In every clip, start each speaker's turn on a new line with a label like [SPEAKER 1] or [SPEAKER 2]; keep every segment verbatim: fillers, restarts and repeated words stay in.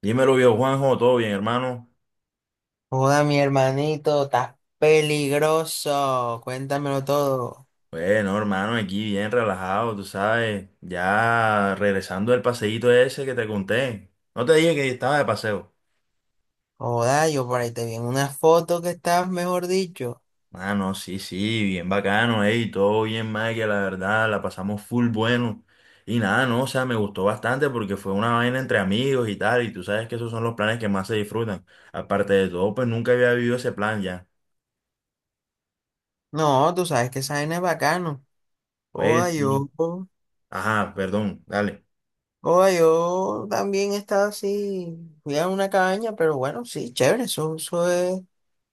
[SPEAKER 1] Dímelo, viejo Juanjo, ¿todo bien, hermano?
[SPEAKER 2] Joda, mi hermanito, estás peligroso. Cuéntamelo todo.
[SPEAKER 1] Bueno, hermano, aquí bien relajado, tú sabes, ya regresando del paseíto ese que te conté. No te dije que estaba de paseo.
[SPEAKER 2] Joda, yo por ahí te vi en una foto que estás, mejor dicho.
[SPEAKER 1] Ah, no, sí, sí, bien bacano, ey, todo bien, que la verdad, la pasamos full bueno. Y nada, no, o sea, me gustó bastante porque fue una vaina entre amigos y tal, y tú sabes que esos son los planes que más se disfrutan. Aparte de todo, pues nunca había vivido ese plan ya.
[SPEAKER 2] No, tú sabes que esa vaina es bacano. Joda,
[SPEAKER 1] Pues sí.
[SPEAKER 2] yo,
[SPEAKER 1] Ajá, perdón, dale.
[SPEAKER 2] joda, yo también estaba así. Fui a una cabaña, pero bueno, sí, chévere. Eso, eso es,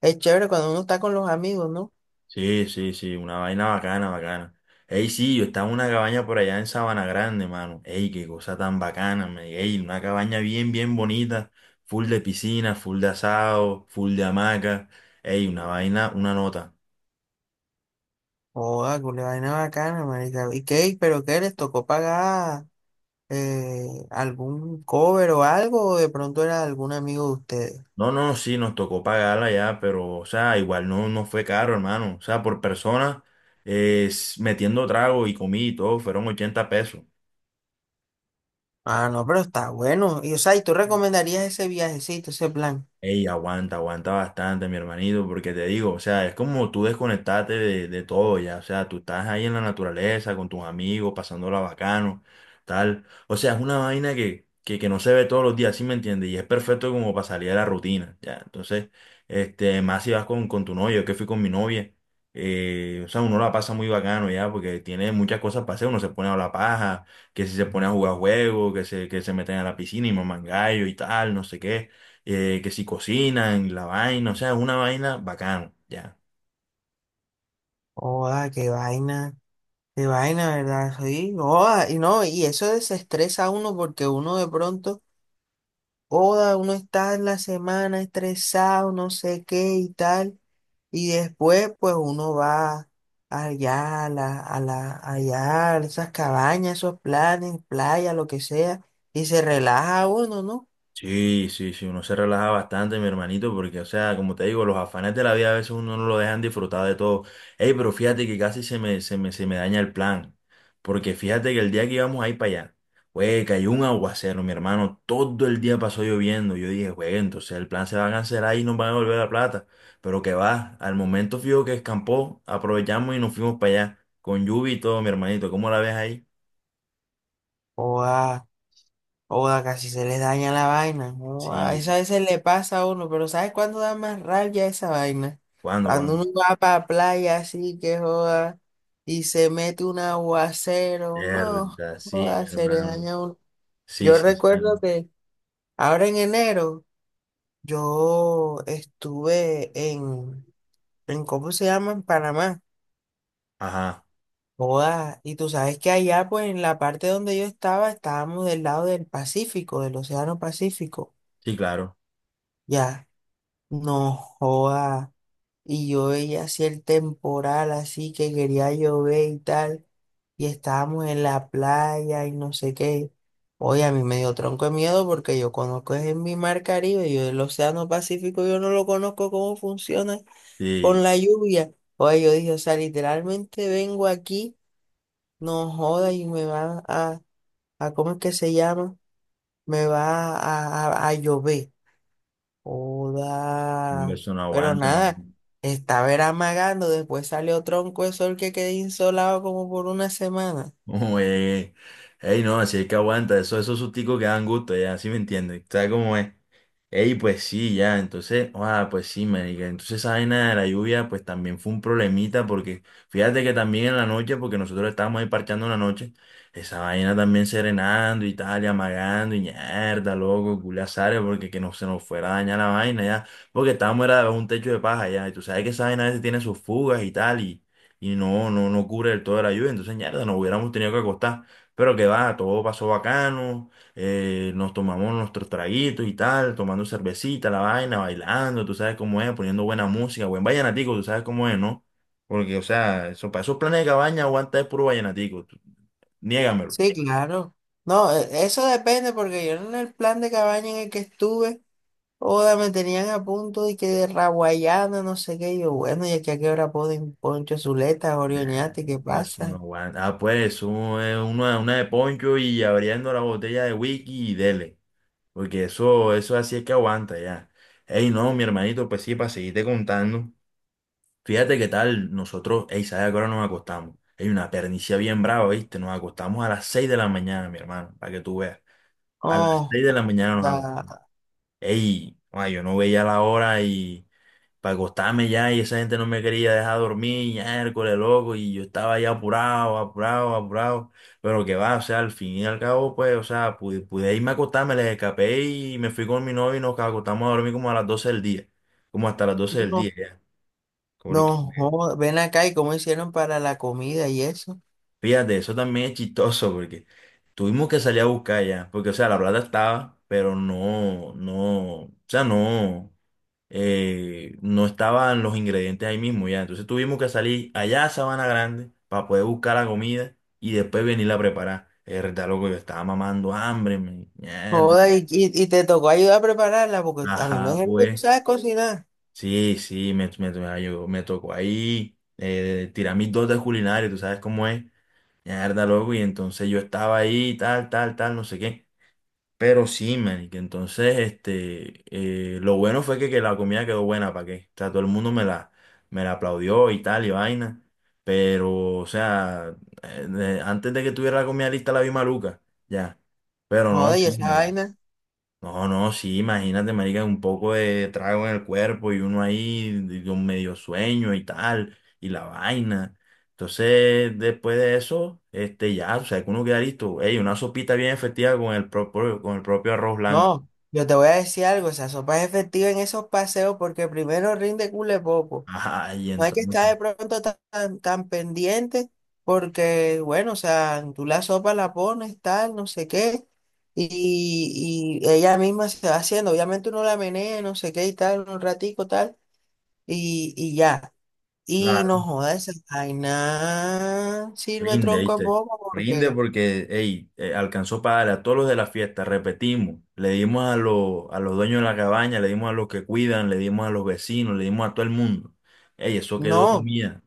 [SPEAKER 2] es chévere cuando uno está con los amigos, ¿no?
[SPEAKER 1] Sí, sí, sí, una vaina bacana, bacana. Ey, sí, yo estaba en una cabaña por allá en Sabana Grande, mano. Ey, qué cosa tan bacana, man. Ey, una cabaña bien, bien bonita, full de piscina, full de asado, full de hamaca. Ey, una vaina, una nota.
[SPEAKER 2] Joda, cule vaina bacana, marica. ¿Y qué? ¿Pero qué? ¿Les tocó pagar eh, algún cover o algo? ¿O de pronto era algún amigo de ustedes?
[SPEAKER 1] No, no, sí, nos tocó pagarla ya, pero, o sea, igual no, no fue caro, hermano. O sea, por persona, eh, s- metiendo trago y comida y todo, fueron ochenta pesos.
[SPEAKER 2] Ah, no, pero está bueno. Y, o sea, ¿y tú recomendarías ese viajecito, ese plan?
[SPEAKER 1] Ey, aguanta, aguanta bastante, mi hermanito, porque te digo, o sea, es como tú desconectarte de, de todo ya, o sea, tú estás ahí en la naturaleza con tus amigos, pasándola bacano, tal. O sea, es una vaina que, que, que no se ve todos los días, ¿sí me entiendes? Y es perfecto como para salir de la rutina, ya. Entonces, este, más si vas con, con tu novia, yo que fui con mi novia, eh, o sea, uno la pasa muy bacano ya, porque tiene muchas cosas para hacer, uno se pone a la paja, que si se pone a jugar juegos, que se, que se meten a la piscina y mamangallo y tal, no sé qué eh, que si cocinan, la vaina, o sea, una vaina bacano, ya.
[SPEAKER 2] Joda, qué vaina, qué vaina, ¿verdad? Sí, joda, y no, y eso desestresa a uno porque uno de pronto, joda, uno está en la semana estresado, no sé qué y tal, y después, pues uno va allá, a la, a la, allá, a esas cabañas, esos planes, playa, lo que sea, y se relaja uno, ¿no?
[SPEAKER 1] Sí, sí, sí, uno se relaja bastante, mi hermanito, porque, o sea, como te digo, los afanes de la vida a veces uno no lo dejan disfrutar de todo. Ey, pero fíjate que casi se me, se me, se me daña el plan, porque fíjate que el día que íbamos a ir para allá, güey, cayó un aguacero, mi hermano, todo el día pasó lloviendo. Yo dije, güey, entonces el plan se va a cancelar y nos van a devolver la plata. Pero que va, al momento fijo que escampó, aprovechamos y nos fuimos para allá, con lluvia y todo, mi hermanito, ¿cómo la ves ahí?
[SPEAKER 2] Joda. Oda, casi se le daña la vaina, ¿no? A eso a
[SPEAKER 1] Sí,
[SPEAKER 2] veces le pasa a uno, pero ¿sabes cuándo da más rabia esa vaina?
[SPEAKER 1] ¿cuándo,
[SPEAKER 2] Cuando uno
[SPEAKER 1] cuándo?
[SPEAKER 2] va para playa así que joda y se mete un aguacero, no,
[SPEAKER 1] Verdad, sí, mi
[SPEAKER 2] joda, se le
[SPEAKER 1] hermano.
[SPEAKER 2] daña a uno.
[SPEAKER 1] Sí,
[SPEAKER 2] Yo
[SPEAKER 1] sí, sí.
[SPEAKER 2] recuerdo que ahora en enero yo estuve en, en ¿cómo se llama? En Panamá.
[SPEAKER 1] Ajá,
[SPEAKER 2] Joda, y tú sabes que allá, pues en la parte donde yo estaba, estábamos del lado del Pacífico, del Océano Pacífico.
[SPEAKER 1] sí, claro.
[SPEAKER 2] Ya. No joda. Y yo veía así el temporal, así que quería llover y tal. Y estábamos en la playa y no sé qué. Oye, a mí me dio tronco de miedo porque yo conozco es en mi mar Caribe, yo el Océano Pacífico, yo no lo conozco cómo funciona con
[SPEAKER 1] Sí,
[SPEAKER 2] la lluvia. Oye, yo dije, o sea, literalmente vengo aquí, no joda y me va a, a ¿cómo es que se llama? Me va a, a a a llover.
[SPEAKER 1] un
[SPEAKER 2] Joda.
[SPEAKER 1] beso no
[SPEAKER 2] Pero
[SPEAKER 1] aguanta, ¿no?
[SPEAKER 2] nada, estaba era amagando, después salió tronco de sol que quedé insolado como por una semana.
[SPEAKER 1] Ué, ey, no, así es que aguanta, eso, esos susticos que dan gusto, ya, ¿sí me entiendes?, ¿sabes cómo es? Ey, pues sí, ya, entonces, ah, pues sí, marica, entonces esa vaina de la lluvia, pues también fue un problemita, porque fíjate que también en la noche, porque nosotros estábamos ahí parchando en la noche, esa vaina también serenando y tal, y amagando, y mierda, loco, culiazares, porque que no se nos fuera a dañar la vaina, ya, porque estábamos era debajo de un techo de paja, ya, y tú sabes que esa vaina a veces tiene sus fugas y tal, y y no, no, no cubre del todo la lluvia, entonces mierda, nos hubiéramos tenido que acostar. Pero que va, todo pasó bacano, eh, nos tomamos nuestros traguitos y tal, tomando cervecita, la vaina, bailando, tú sabes cómo es, poniendo buena música, buen vallenatico, tú sabes cómo es, ¿no? Porque, o sea, eso, para esos planes de cabaña aguanta es puro vallenatico, tú- niégamelo.
[SPEAKER 2] Sí, claro. No, e- eso depende porque yo en el plan de cabaña en el que estuve, joda, me tenían a punto de que de raguayana, no sé qué. Y yo, bueno, y aquí a qué hora ponen Poncho Zuleta,
[SPEAKER 1] Ah,
[SPEAKER 2] Orioñate, ¿qué
[SPEAKER 1] eso no
[SPEAKER 2] pasa?
[SPEAKER 1] aguanta. Ah, pues, un- eh, una, una de poncho y abriendo la botella de whisky y dele. Porque eso, eso así es que aguanta ya. Ey, no, mi hermanito, pues sí, para seguirte contando. Fíjate qué tal nosotros, ey, ¿sabes a qué hora nos acostamos? Hay una pernicia bien brava, ¿viste? Nos acostamos a las seis de la mañana, mi hermano, para que tú veas. A las
[SPEAKER 2] Oh,
[SPEAKER 1] seis de la mañana nos acostamos.
[SPEAKER 2] joda.
[SPEAKER 1] Ey, ay, yo no veía la hora y para acostarme ya y esa gente no me quería dejar dormir, ya, Hércules, loco, y yo estaba ya apurado, apurado, apurado, pero que va, o sea, al fin y al cabo, pues, o sea, pude, pude irme a acostarme, les escapé y me fui con mi novio y nos acostamos a dormir como a las doce del día, como hasta las doce del día,
[SPEAKER 2] No,
[SPEAKER 1] ya. Porque,
[SPEAKER 2] no, joda. Ven acá y cómo hicieron para la comida y eso.
[SPEAKER 1] fíjate, eso también es chistoso, porque tuvimos que salir a buscar ya, porque, o sea, la plata estaba, pero no, no, o sea, no. eh, no estaban los ingredientes ahí mismo ya. Entonces tuvimos que salir allá a Sabana Grande para poder buscar la comida y después venirla a preparar. Verdad, loco, yo estaba mamando hambre, me- mierda.
[SPEAKER 2] Joder, y, y- y te tocó ayudar a prepararla, porque a mí me
[SPEAKER 1] Ajá,
[SPEAKER 2] dijeron que tú
[SPEAKER 1] pues.
[SPEAKER 2] sabes cocinar.
[SPEAKER 1] Sí, sí, me, me, me ayudó, me tocó ahí eh, tirar mis dotes culinarias, tú sabes cómo es. Mierda, loco, y entonces yo estaba ahí, tal, tal, tal, no sé qué. Pero sí, marica, entonces, este, eh, lo bueno fue que, que la comida quedó buena, ¿para qué? O sea, todo el mundo me la, me la aplaudió y tal, y vaina. Pero, o sea, eh, eh, antes de que tuviera la comida lista la vi maluca, ya. Pero no,
[SPEAKER 2] Joder, y
[SPEAKER 1] sí,
[SPEAKER 2] esa
[SPEAKER 1] marica.
[SPEAKER 2] vaina.
[SPEAKER 1] No, no, sí, imagínate, marica, un poco de trago en el cuerpo y uno ahí de- con medio sueño y tal, y la vaina. Entonces, después de eso, este, ya, o sea, que uno queda listo. Ey, una sopita bien efectiva con el propio, con el propio arroz blanco.
[SPEAKER 2] No, yo te voy a decir algo, esa sopa es efectiva en esos paseos porque primero rinde cule poco.
[SPEAKER 1] Ajá, y
[SPEAKER 2] No hay que estar
[SPEAKER 1] entonces,
[SPEAKER 2] de pronto tan, tan, tan pendiente porque, bueno, o sea, tú la sopa la pones, tal, no sé qué, y, y ella misma se va haciendo. Obviamente uno la menea, no sé qué y tal, un ratico, tal, y, y ya. Y no
[SPEAKER 1] claro,
[SPEAKER 2] joda esa vaina, sirve
[SPEAKER 1] rinde,
[SPEAKER 2] tronco a
[SPEAKER 1] ¿viste?
[SPEAKER 2] poco
[SPEAKER 1] Rinde
[SPEAKER 2] porque
[SPEAKER 1] porque, ey, eh, alcanzó para darle a todos los de la fiesta, repetimos, le dimos a los, a los dueños de la cabaña, le dimos a los que cuidan, le dimos a los vecinos, le dimos a todo el mundo. Ey, eso quedó
[SPEAKER 2] no.
[SPEAKER 1] comida.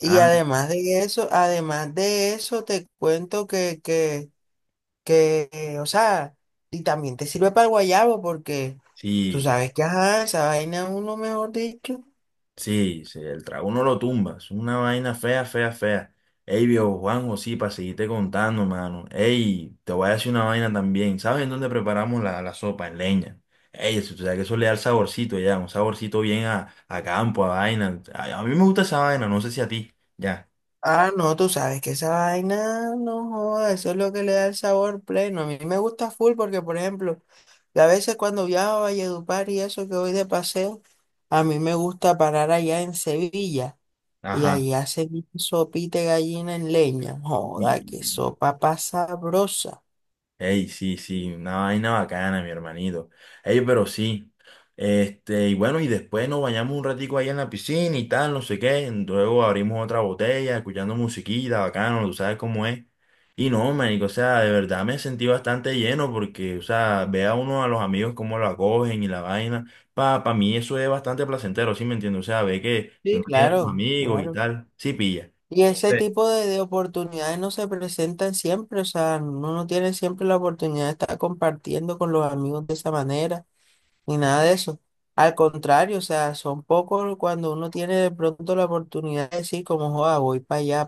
[SPEAKER 2] Y
[SPEAKER 1] Ah,
[SPEAKER 2] además de eso, además de eso, te cuento que, que, que, eh, o sea, y también te sirve para el guayabo porque tú
[SPEAKER 1] sí,
[SPEAKER 2] sabes que, ajá, esa vaina uno, mejor dicho.
[SPEAKER 1] sí, sí, el trago uno lo tumba, es una vaina fea, fea, fea. Ey, viejo Juanjo, sí, para seguirte contando, mano. Ey, te voy a decir una vaina también. ¿Sabes en dónde preparamos la, la sopa? En leña. Ey, eso tú sabes que eso le da el saborcito ya, un saborcito bien a, a campo, a vaina. A, a mí me gusta esa vaina, no sé si a ti. Ya,
[SPEAKER 2] Ah, no, tú sabes que esa vaina, no joda, eso es lo que le da el sabor pleno. A mí me gusta full porque, por ejemplo, yo a veces cuando viajo a Valledupar y eso que voy de paseo, a mí me gusta parar allá en Sevilla. Y
[SPEAKER 1] ajá.
[SPEAKER 2] ahí hacen sopita de gallina en leña. Joda, qué sopa pasa sabrosa.
[SPEAKER 1] Ey, sí, sí, una vaina bacana, mi hermanito. Ey, pero sí. Este, y bueno, y después nos bañamos un ratico ahí en la piscina y tal, no sé qué. Luego abrimos otra botella, escuchando musiquita, bacano, tú sabes cómo es. Y no, manico, o sea, de verdad me sentí bastante lleno porque, o sea, ve a uno a los amigos cómo lo acogen y la vaina. Pa, pa mí eso es bastante placentero, ¿sí me entiendes? O sea, ve que que
[SPEAKER 2] Sí,
[SPEAKER 1] uno tiene sus
[SPEAKER 2] claro,
[SPEAKER 1] amigos y
[SPEAKER 2] claro.
[SPEAKER 1] tal. Sí, pilla.
[SPEAKER 2] Y ese
[SPEAKER 1] Sí.
[SPEAKER 2] tipo de, de oportunidades no se presentan siempre, o sea, uno no tiene siempre la oportunidad de estar compartiendo con los amigos de esa manera, ni nada de eso. Al contrario, o sea, son pocos cuando uno tiene de pronto la oportunidad de decir como, joda, voy para allá,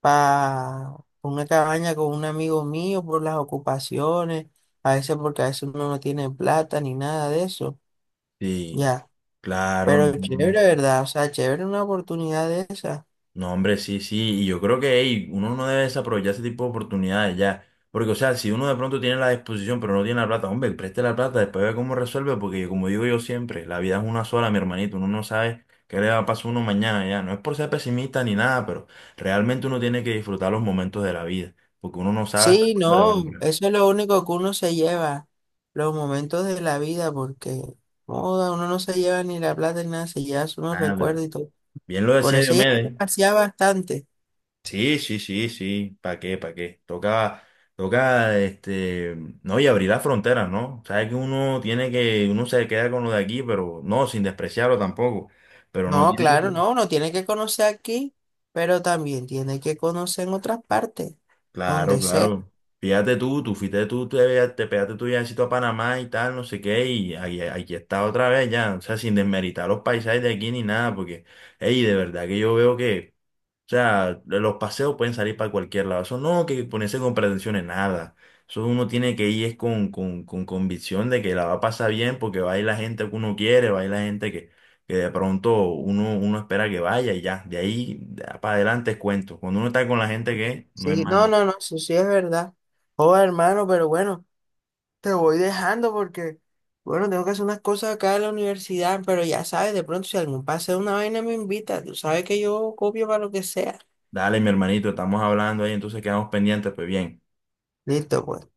[SPEAKER 2] para una cabaña con un amigo mío por las ocupaciones, a veces porque a veces uno no tiene plata ni nada de eso,
[SPEAKER 1] Sí,
[SPEAKER 2] ya,
[SPEAKER 1] claro, no,
[SPEAKER 2] pero
[SPEAKER 1] no,
[SPEAKER 2] chévere,
[SPEAKER 1] no.
[SPEAKER 2] ¿verdad? O sea, chévere una oportunidad de esa.
[SPEAKER 1] No, hombre, sí, sí, y yo creo que ey, uno no debe desaprovechar ese tipo de oportunidades ya, porque o sea, si uno de pronto tiene la disposición pero no tiene la plata, hombre, preste la plata, después ve cómo resuelve, porque como digo yo siempre, la vida es una sola, mi hermanito, uno no sabe qué le va a pasar a uno mañana ya, no es por ser pesimista ni nada, pero realmente uno tiene que disfrutar los momentos de la vida, porque uno no sabe hasta
[SPEAKER 2] Sí,
[SPEAKER 1] cuándo le va a
[SPEAKER 2] no,
[SPEAKER 1] durar.
[SPEAKER 2] eso es lo único que uno se lleva, los momentos de la vida, porque joda, uno no se lleva ni la plata ni nada, se lleva unos
[SPEAKER 1] Nada,
[SPEAKER 2] recuerdos y todo.
[SPEAKER 1] bien lo
[SPEAKER 2] Por
[SPEAKER 1] decía
[SPEAKER 2] eso ella se
[SPEAKER 1] Diomedes.
[SPEAKER 2] pasea bastante.
[SPEAKER 1] Sí, sí, sí, sí. ¿Para qué? ¿Para qué? Toca, toca, este, no, y abrir las fronteras, ¿no? Sabes que uno tiene que, uno se queda con lo de aquí, pero no, sin despreciarlo tampoco. Pero no
[SPEAKER 2] No,
[SPEAKER 1] tiene
[SPEAKER 2] claro,
[SPEAKER 1] que.
[SPEAKER 2] no, uno tiene que conocer aquí, pero también tiene que conocer en otras partes,
[SPEAKER 1] Claro,
[SPEAKER 2] donde sea.
[SPEAKER 1] claro. Fíjate tú, tú fuiste tú, te, te pegaste tu viajecito a Panamá y tal, no sé qué, y ahí- aquí, está otra vez ya. O sea, sin desmeritar los paisajes de aquí ni nada, porque, hey, de verdad que yo veo que. O sea, los paseos pueden salir para cualquier lado. Eso no que ponerse con pretensiones, nada. Eso uno tiene que ir es con, con, con, convicción de que la va a pasar bien porque va a ir la gente que uno quiere, va a ir la gente que, que de pronto uno, uno espera que vaya y ya. De ahí para adelante es cuento. Cuando uno está con la gente que no es
[SPEAKER 2] Sí,
[SPEAKER 1] más
[SPEAKER 2] no,
[SPEAKER 1] nada.
[SPEAKER 2] no, no, eso sí es verdad. Oh, hermano, pero bueno, te voy dejando porque, bueno, tengo que hacer unas cosas acá en la universidad, pero ya sabes, de pronto si algún pase de una vaina me invita, tú sabes que yo copio para lo que sea.
[SPEAKER 1] Dale, mi hermanito, estamos hablando ahí, entonces quedamos pendientes, pues bien.
[SPEAKER 2] Listo, pues.